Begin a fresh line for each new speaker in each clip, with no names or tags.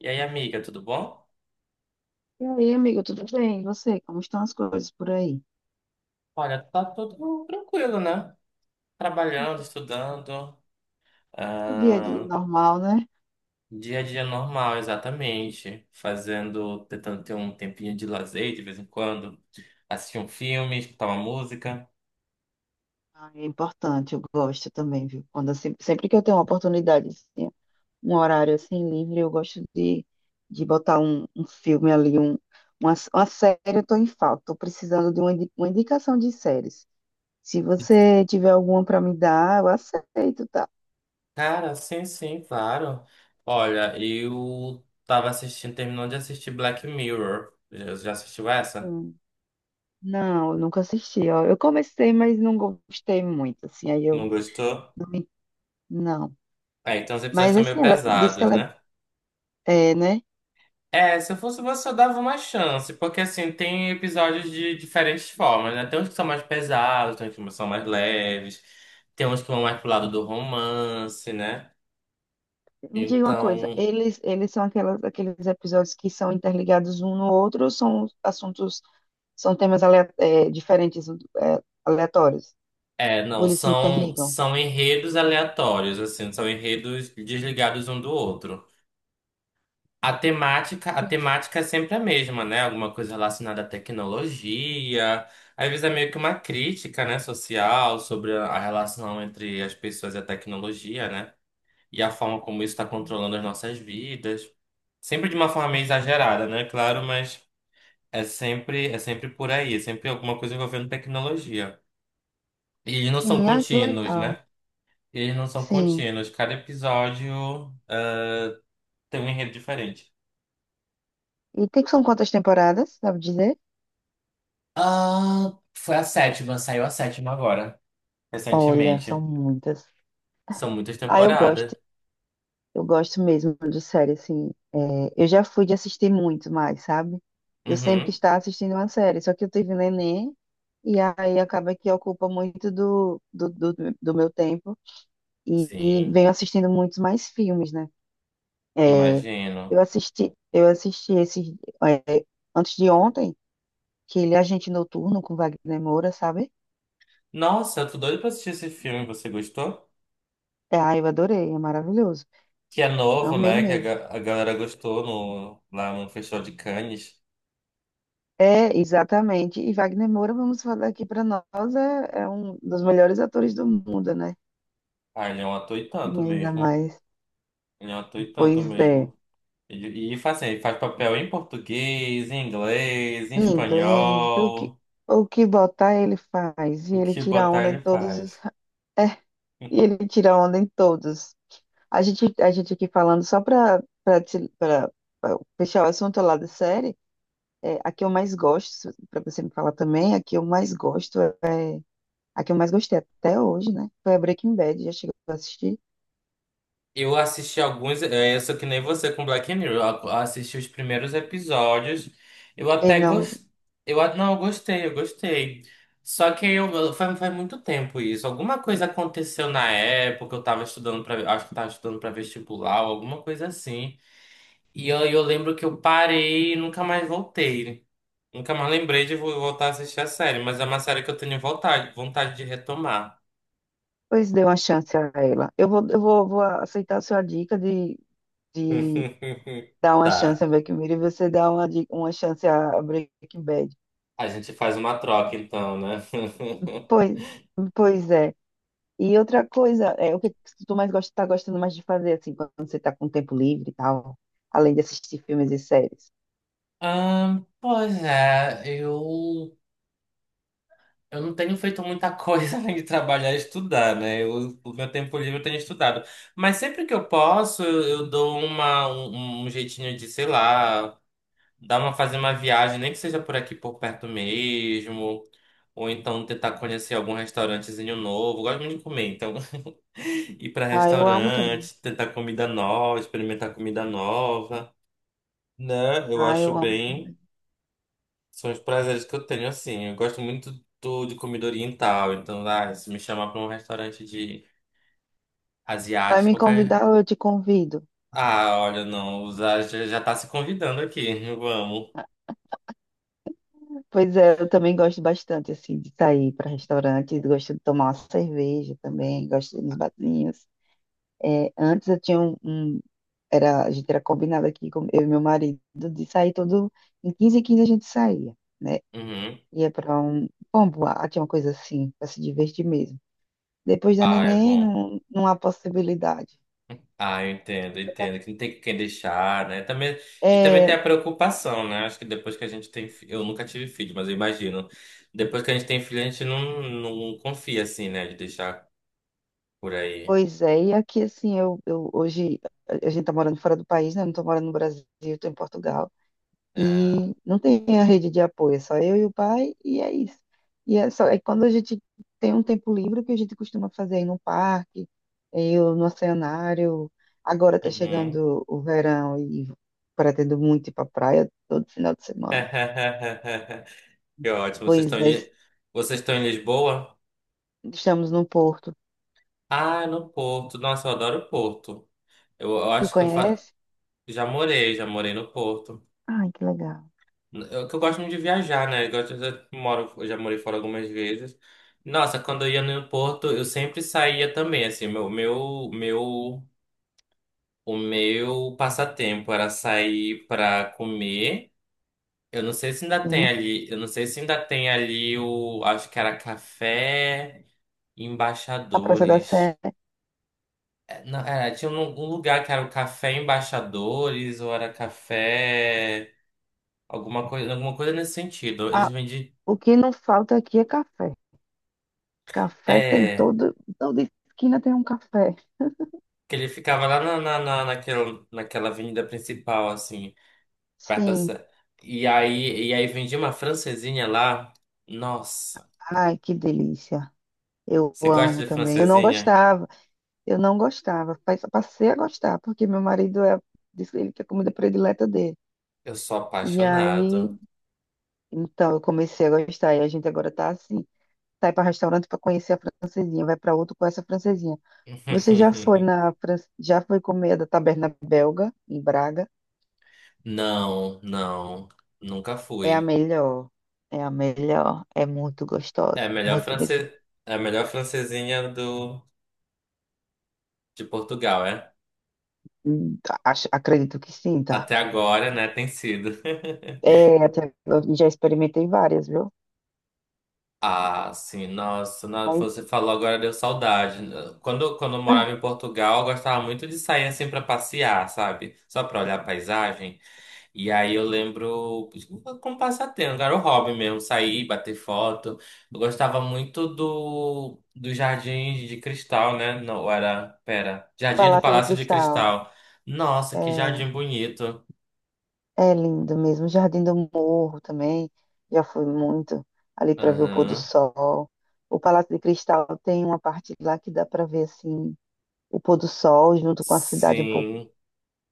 E aí, amiga, tudo bom?
E aí, amigo, tudo bem? E você? Como estão as coisas por aí?
Olha, tá tudo tranquilo, né? Trabalhando, estudando,
O dia a dia é
ah,
normal, né?
dia a dia normal, exatamente. Fazendo, tentando ter um tempinho de lazer de vez em quando, assistir um filme, escutar uma música.
Ah, é importante, eu gosto também, viu? Quando assim, sempre que eu tenho uma oportunidade, assim, um horário assim livre, eu gosto de botar um filme ali, um, uma série, eu tô em falta. Estou precisando de uma, uma indicação de séries. Se você tiver alguma para me dar, eu aceito, tá?
Cara, sim, sim, claro. Olha, eu tava assistindo, terminando de assistir Black Mirror. Já assistiu essa?
Hum. Não, eu nunca assisti, ó. Eu comecei, mas não gostei muito, assim, aí
Não
eu
gostou?
não. me- não.
É, então os episódios
Mas
estão meio
assim, ela disse que
pesados,
ela é,
né?
é, né?
É, se eu fosse você, eu dava uma chance, porque assim, tem episódios de diferentes formas, né? Tem uns que são mais pesados, tem uns que são mais leves, tem uns que vão mais pro lado do romance, né?
Me diga uma coisa,
Então,
eles são aquelas, aqueles episódios que são interligados um no outro ou são assuntos, são é, diferentes, é, aleatórios?
é, não,
Ou eles se
são,
interligam?
são enredos aleatórios, assim, são enredos desligados um do outro. A temática é sempre a mesma, né? Alguma coisa relacionada à tecnologia. Às vezes é meio que uma crítica, né, social sobre a relação entre as pessoas e a tecnologia, né? E a forma como isso está controlando as nossas vidas. Sempre de uma forma meio exagerada, né? Claro, mas é sempre por aí, é sempre alguma coisa envolvendo tecnologia. E eles não são
Sim, ah, que
contínuos,
legal.
né? Eles não são
Sim.
contínuos. Cada episódio ah, tem um enredo diferente.
E tem, são quantas temporadas, sabe dizer?
Ah, foi a sétima, saiu a sétima agora,
Olha, são
recentemente.
muitas.
São muitas
Ah, eu gosto.
temporadas.
Eu gosto mesmo de série, assim. É, eu já fui de assistir muito mais, sabe? Eu sempre
Uhum.
estava assistindo uma série, só que eu tive neném, e aí acaba que ocupa muito do meu tempo, e
Sim,
venho assistindo muitos mais filmes, né? É, eu
imagino.
assisti, eu assisti esse, é, antes de ontem, que ele é Agente Noturno, com Wagner Moura, sabe?
Nossa, eu tô doido pra assistir esse filme. Você gostou?
É, ah, eu adorei, é maravilhoso.
Que é novo,
Amei
né? Que
mesmo.
a galera gostou lá no Festival de Cannes.
É, exatamente. E Wagner Moura, vamos falar aqui para nós, é, é um dos melhores atores do mundo, né?
Ah, ele é um ator e
E
tanto
ainda
mesmo.
mais,
Ele é um ator e tanto
pois é,
mesmo. E, faz assim, ele faz papel em português, em inglês, em
em, é, inglês,
espanhol.
o que botar ele faz, e
O
ele
que
tira
botar
onda em
ele
todos os...
faz.
É, e ele tira onda em todos. A gente aqui falando só para fechar o assunto lá da série, é, a que eu mais gosto, para você me falar também, a que eu mais gosto é. A que eu mais gostei até hoje, né? Foi a Breaking Bad, já chegou a assistir?
Eu assisti alguns, é, eu sou que nem você com Black Mirror. Eu assisti os primeiros episódios. Eu
E
até
não,
gostei. Não, eu gostei, eu gostei. Só que eu, faz muito tempo isso. Alguma coisa aconteceu na época, eu tava estudando para, acho que eu tava estudando para vestibular, alguma coisa assim. E eu lembro que eu parei e nunca mais voltei. Nunca mais lembrei de voltar a assistir a série, mas é uma série que eu tenho vontade, vontade de retomar.
pois dê uma chance a ela. Eu vou, eu vou aceitar a sua dica de dar uma chance
Tá.
a Black Mirror, e você dar uma, uma chance a Breaking Bad.
A gente faz uma troca então, né?
Pois, pois é. E outra coisa, é o que que tu mais gosta, tá gostando mais de fazer, assim, quando você tá com tempo livre e tal, além de assistir filmes e séries.
Ah, pois é, eu não tenho feito muita coisa além de trabalhar e estudar, né? Eu, o meu tempo livre eu tenho estudado. Mas sempre que eu posso, eu dou uma, um, um um jeitinho de, sei lá, fazer uma viagem, nem que seja por aqui por perto mesmo. Ou então tentar conhecer algum restaurantezinho novo. Eu gosto muito de comer, então ir para
Ah, eu amo também.
restaurante, tentar comida nova, experimentar comida nova. Né? Eu
Ah,
acho
eu amo
bem.
também.
São os prazeres que eu tenho, assim. Eu gosto muito de comida oriental. Então, se me chamar pra um restaurante de
Vai
asiático,
me
qualquer.
convidar ou eu te convido?
Ah, olha, não. Já tá se convidando aqui. Vamos.
Pois é, eu também gosto bastante, assim, de sair para restaurantes, gosto de tomar uma cerveja também, gosto de ir nos barzinhos. É, antes eu tinha era, a gente era combinado aqui, com eu e meu marido, de sair todo, em 15 a gente saía, né?
Uhum.
Ia para um bom boate, uma coisa assim, para se divertir mesmo. Depois da
Ah, é
neném,
bom.
não, não há possibilidade.
Ah, eu entendo, eu entendo. Que não tem quem deixar, né? Também, e também tem
É,
a preocupação, né? Acho que depois que a gente tem. Eu nunca tive filho, mas eu imagino. Depois que a gente tem filho, a gente não confia, assim, né? De deixar por aí.
pois é, e aqui assim, eu hoje a gente tá morando fora do país, né? Eu não tô morando no Brasil, tô em Portugal.
Ah,
E não tem a rede de apoio, é só eu e o pai, e é isso. E é só, é quando a gente tem um tempo livre, o que a gente costuma fazer aí no parque, é, eu no oceanário. Agora está
uhum.
chegando o verão e pretendo muito ir para a praia todo final de semana.
Que ótimo. Vocês
Pois
estão em,
é,
Li- vocês estão em Lisboa?
estamos no Porto.
Ah, no Porto. Nossa, eu adoro o Porto. Eu
Tu
acho que eu fa...
conhece?
Já morei, já morei no Porto.
Ai, que legal.
Eu, que eu gosto muito de viajar, né? Eu, gosto, eu já moro, eu já morei fora algumas vezes. Nossa, quando eu ia no Porto, eu sempre saía também, assim, o meu passatempo era sair pra comer. Eu não sei se ainda tem
Sim.
ali, eu não sei se ainda tem ali o, acho que era café.
A Praça da
Embaixadores.
Sé.
É, não, era, tinha um lugar que era o Café Embaixadores, ou era café. Alguma coisa nesse sentido. Eles
Ah,
vendiam.
o que não falta aqui é café. Café tem
É.
todo, toda esquina tem um café.
Que ele ficava lá naquela avenida principal, assim, perto da.
Sim.
E aí vendia uma francesinha lá. Nossa,
Ai, que delícia. Eu
você
amo
gosta de
também. Eu não
francesinha?
gostava, eu não gostava. Passei a gostar, porque meu marido é, disse ele que é a comida predileta dele.
Eu sou
E aí,
apaixonado.
então, eu comecei a gostar. E a gente agora tá assim: sai para restaurante para conhecer a francesinha, vai para outro com essa francesinha. Você já foi na França, já foi comer a da Taberna Belga, em Braga?
Não, não, nunca
É a
fui.
melhor, é a melhor, é muito
É
gostosa,
a melhor
muito
france...
mesmo.
é a melhor francesinha de Portugal, é?
Hum, Acho, acredito que sim, tá?
Até agora, né, tem sido.
É, até, eu já experimentei várias, viu?
Ah, sim, nossa, você falou agora deu saudade. Quando eu morava
Mas
em Portugal, eu gostava muito de sair assim pra passear, sabe? Só pra olhar a paisagem. E aí eu lembro, como passatempo, era o hobby mesmo, sair, bater foto. Eu gostava muito do jardim de cristal, né? Não, era, pera, Jardim do
Palácio de
Palácio de
Cristal.
Cristal. Nossa,
É,
que jardim bonito.
é lindo mesmo. Jardim do Morro também. Já fui muito ali para ver o pôr do
Aham.
sol. O Palácio de Cristal tem uma parte lá que dá para ver assim o pôr do sol junto com a cidade um pouco.
Sim,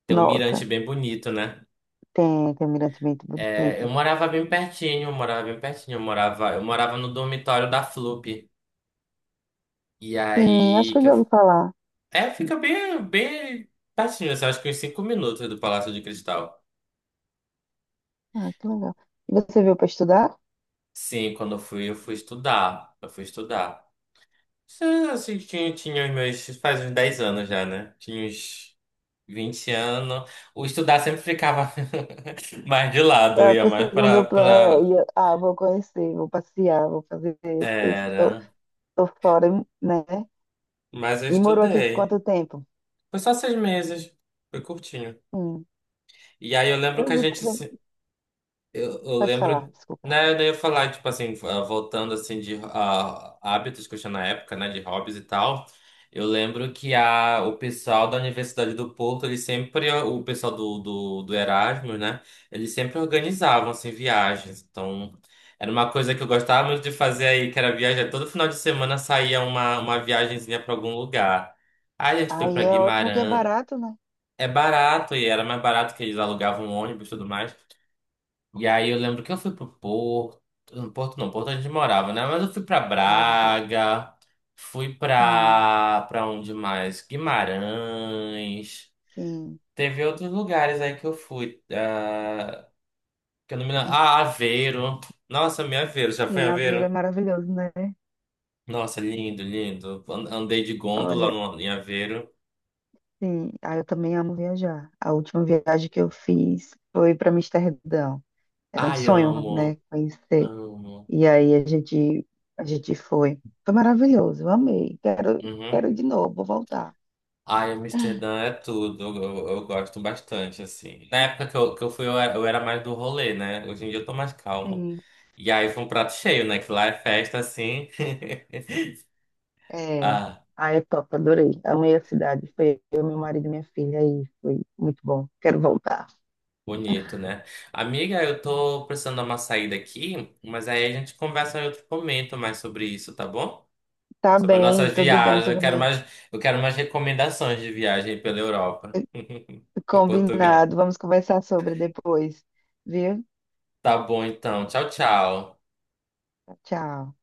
tem um mirante
Nossa,
bem bonito, né?
tem, tem um mirante muito
É, eu
bonito.
morava bem pertinho, eu morava bem pertinho, eu morava no dormitório da FLUP. E
Sim, acho
aí
que eu
que
já ouvi
eu,
falar.
é, fica bem, bem pertinho, assim, acho que uns 5 minutos do Palácio de Cristal.
Ah, que legal. E você veio para estudar?
Sim, quando eu fui estudar. Eu fui estudar. Isso, assim, tinha os meus. Faz uns 10 anos já, né? Tinha uns 20 anos. O estudar sempre ficava mais de lado, eu
Ah,
ia
pro
mais pra,
segundo plano,
pra.
ah, vou conhecer, vou passear, vou fazer isso, isso, tô,
Era.
tô fora, né?
Mas eu
E morou aqui
estudei.
quanto tempo?
Foi só 6 meses. Foi curtinho.
Hum.
E aí eu lembro
Eu
que a
vi
gente.
também.
Eu
Pode
lembro,
falar, desculpa.
né, eu ia falar, tipo assim, voltando assim de hábitos que eu tinha na época, né, de hobbies e tal. Eu lembro que o pessoal da Universidade do Porto, eles sempre, o pessoal do Erasmus, né, eles sempre organizavam, assim, viagens. Então, era uma coisa que eu gostava muito de fazer aí, que era viajar. Todo final de semana saía uma viagenzinha para algum lugar. Aí a gente foi
Aí
para
é ótimo que é
Guimarães.
barato, né?
É barato, e era mais barato que eles alugavam um ônibus e tudo mais. E aí eu lembro que eu fui pro Porto. No Porto não, Porto a gente morava, né? Mas eu fui pra
A Lisboa.
Braga, fui
Sim,
pra onde mais? Guimarães.
sim.
Teve outros lugares aí que eu fui. Que eu não me lembro. Ah, Aveiro. Nossa, minha Aveiro, já foi em
Sim, a Aveiro é
Aveiro?
maravilhoso, né?
Nossa, lindo, lindo. Andei de gôndola
Olha,
no, em Aveiro.
sim. Ah, eu também amo viajar. A última viagem que eu fiz foi para Amsterdão. Era um
Ai,
sonho,
amo,
né? Conhecer.
amo.
E aí a gente foi. Foi maravilhoso, eu amei. Quero,
Uhum.
quero ir de novo, vou voltar.
Ai, Amsterdã é tudo, eu gosto bastante, assim. Na época que que eu fui, eu era mais do rolê, né? Hoje em dia eu tô mais calmo.
Sim.
E aí foi um prato cheio, né? Que lá é festa, assim.
É.
Ah,
Ah, é top, adorei. Amei a cidade. Foi eu, meu marido e minha filha. Aí foi muito bom. Quero voltar.
bonito, né? Amiga, eu tô precisando dar uma saída aqui, mas aí a gente conversa em outro momento mais sobre isso, tá bom?
Tá
Sobre as
bem,
nossas
tudo bem,
viagens,
tudo bem.
eu quero mais recomendações de viagem pela Europa, ou Portugal.
Combinado. Vamos conversar sobre depois, viu?
Tá bom, então. Tchau, tchau.
Tchau.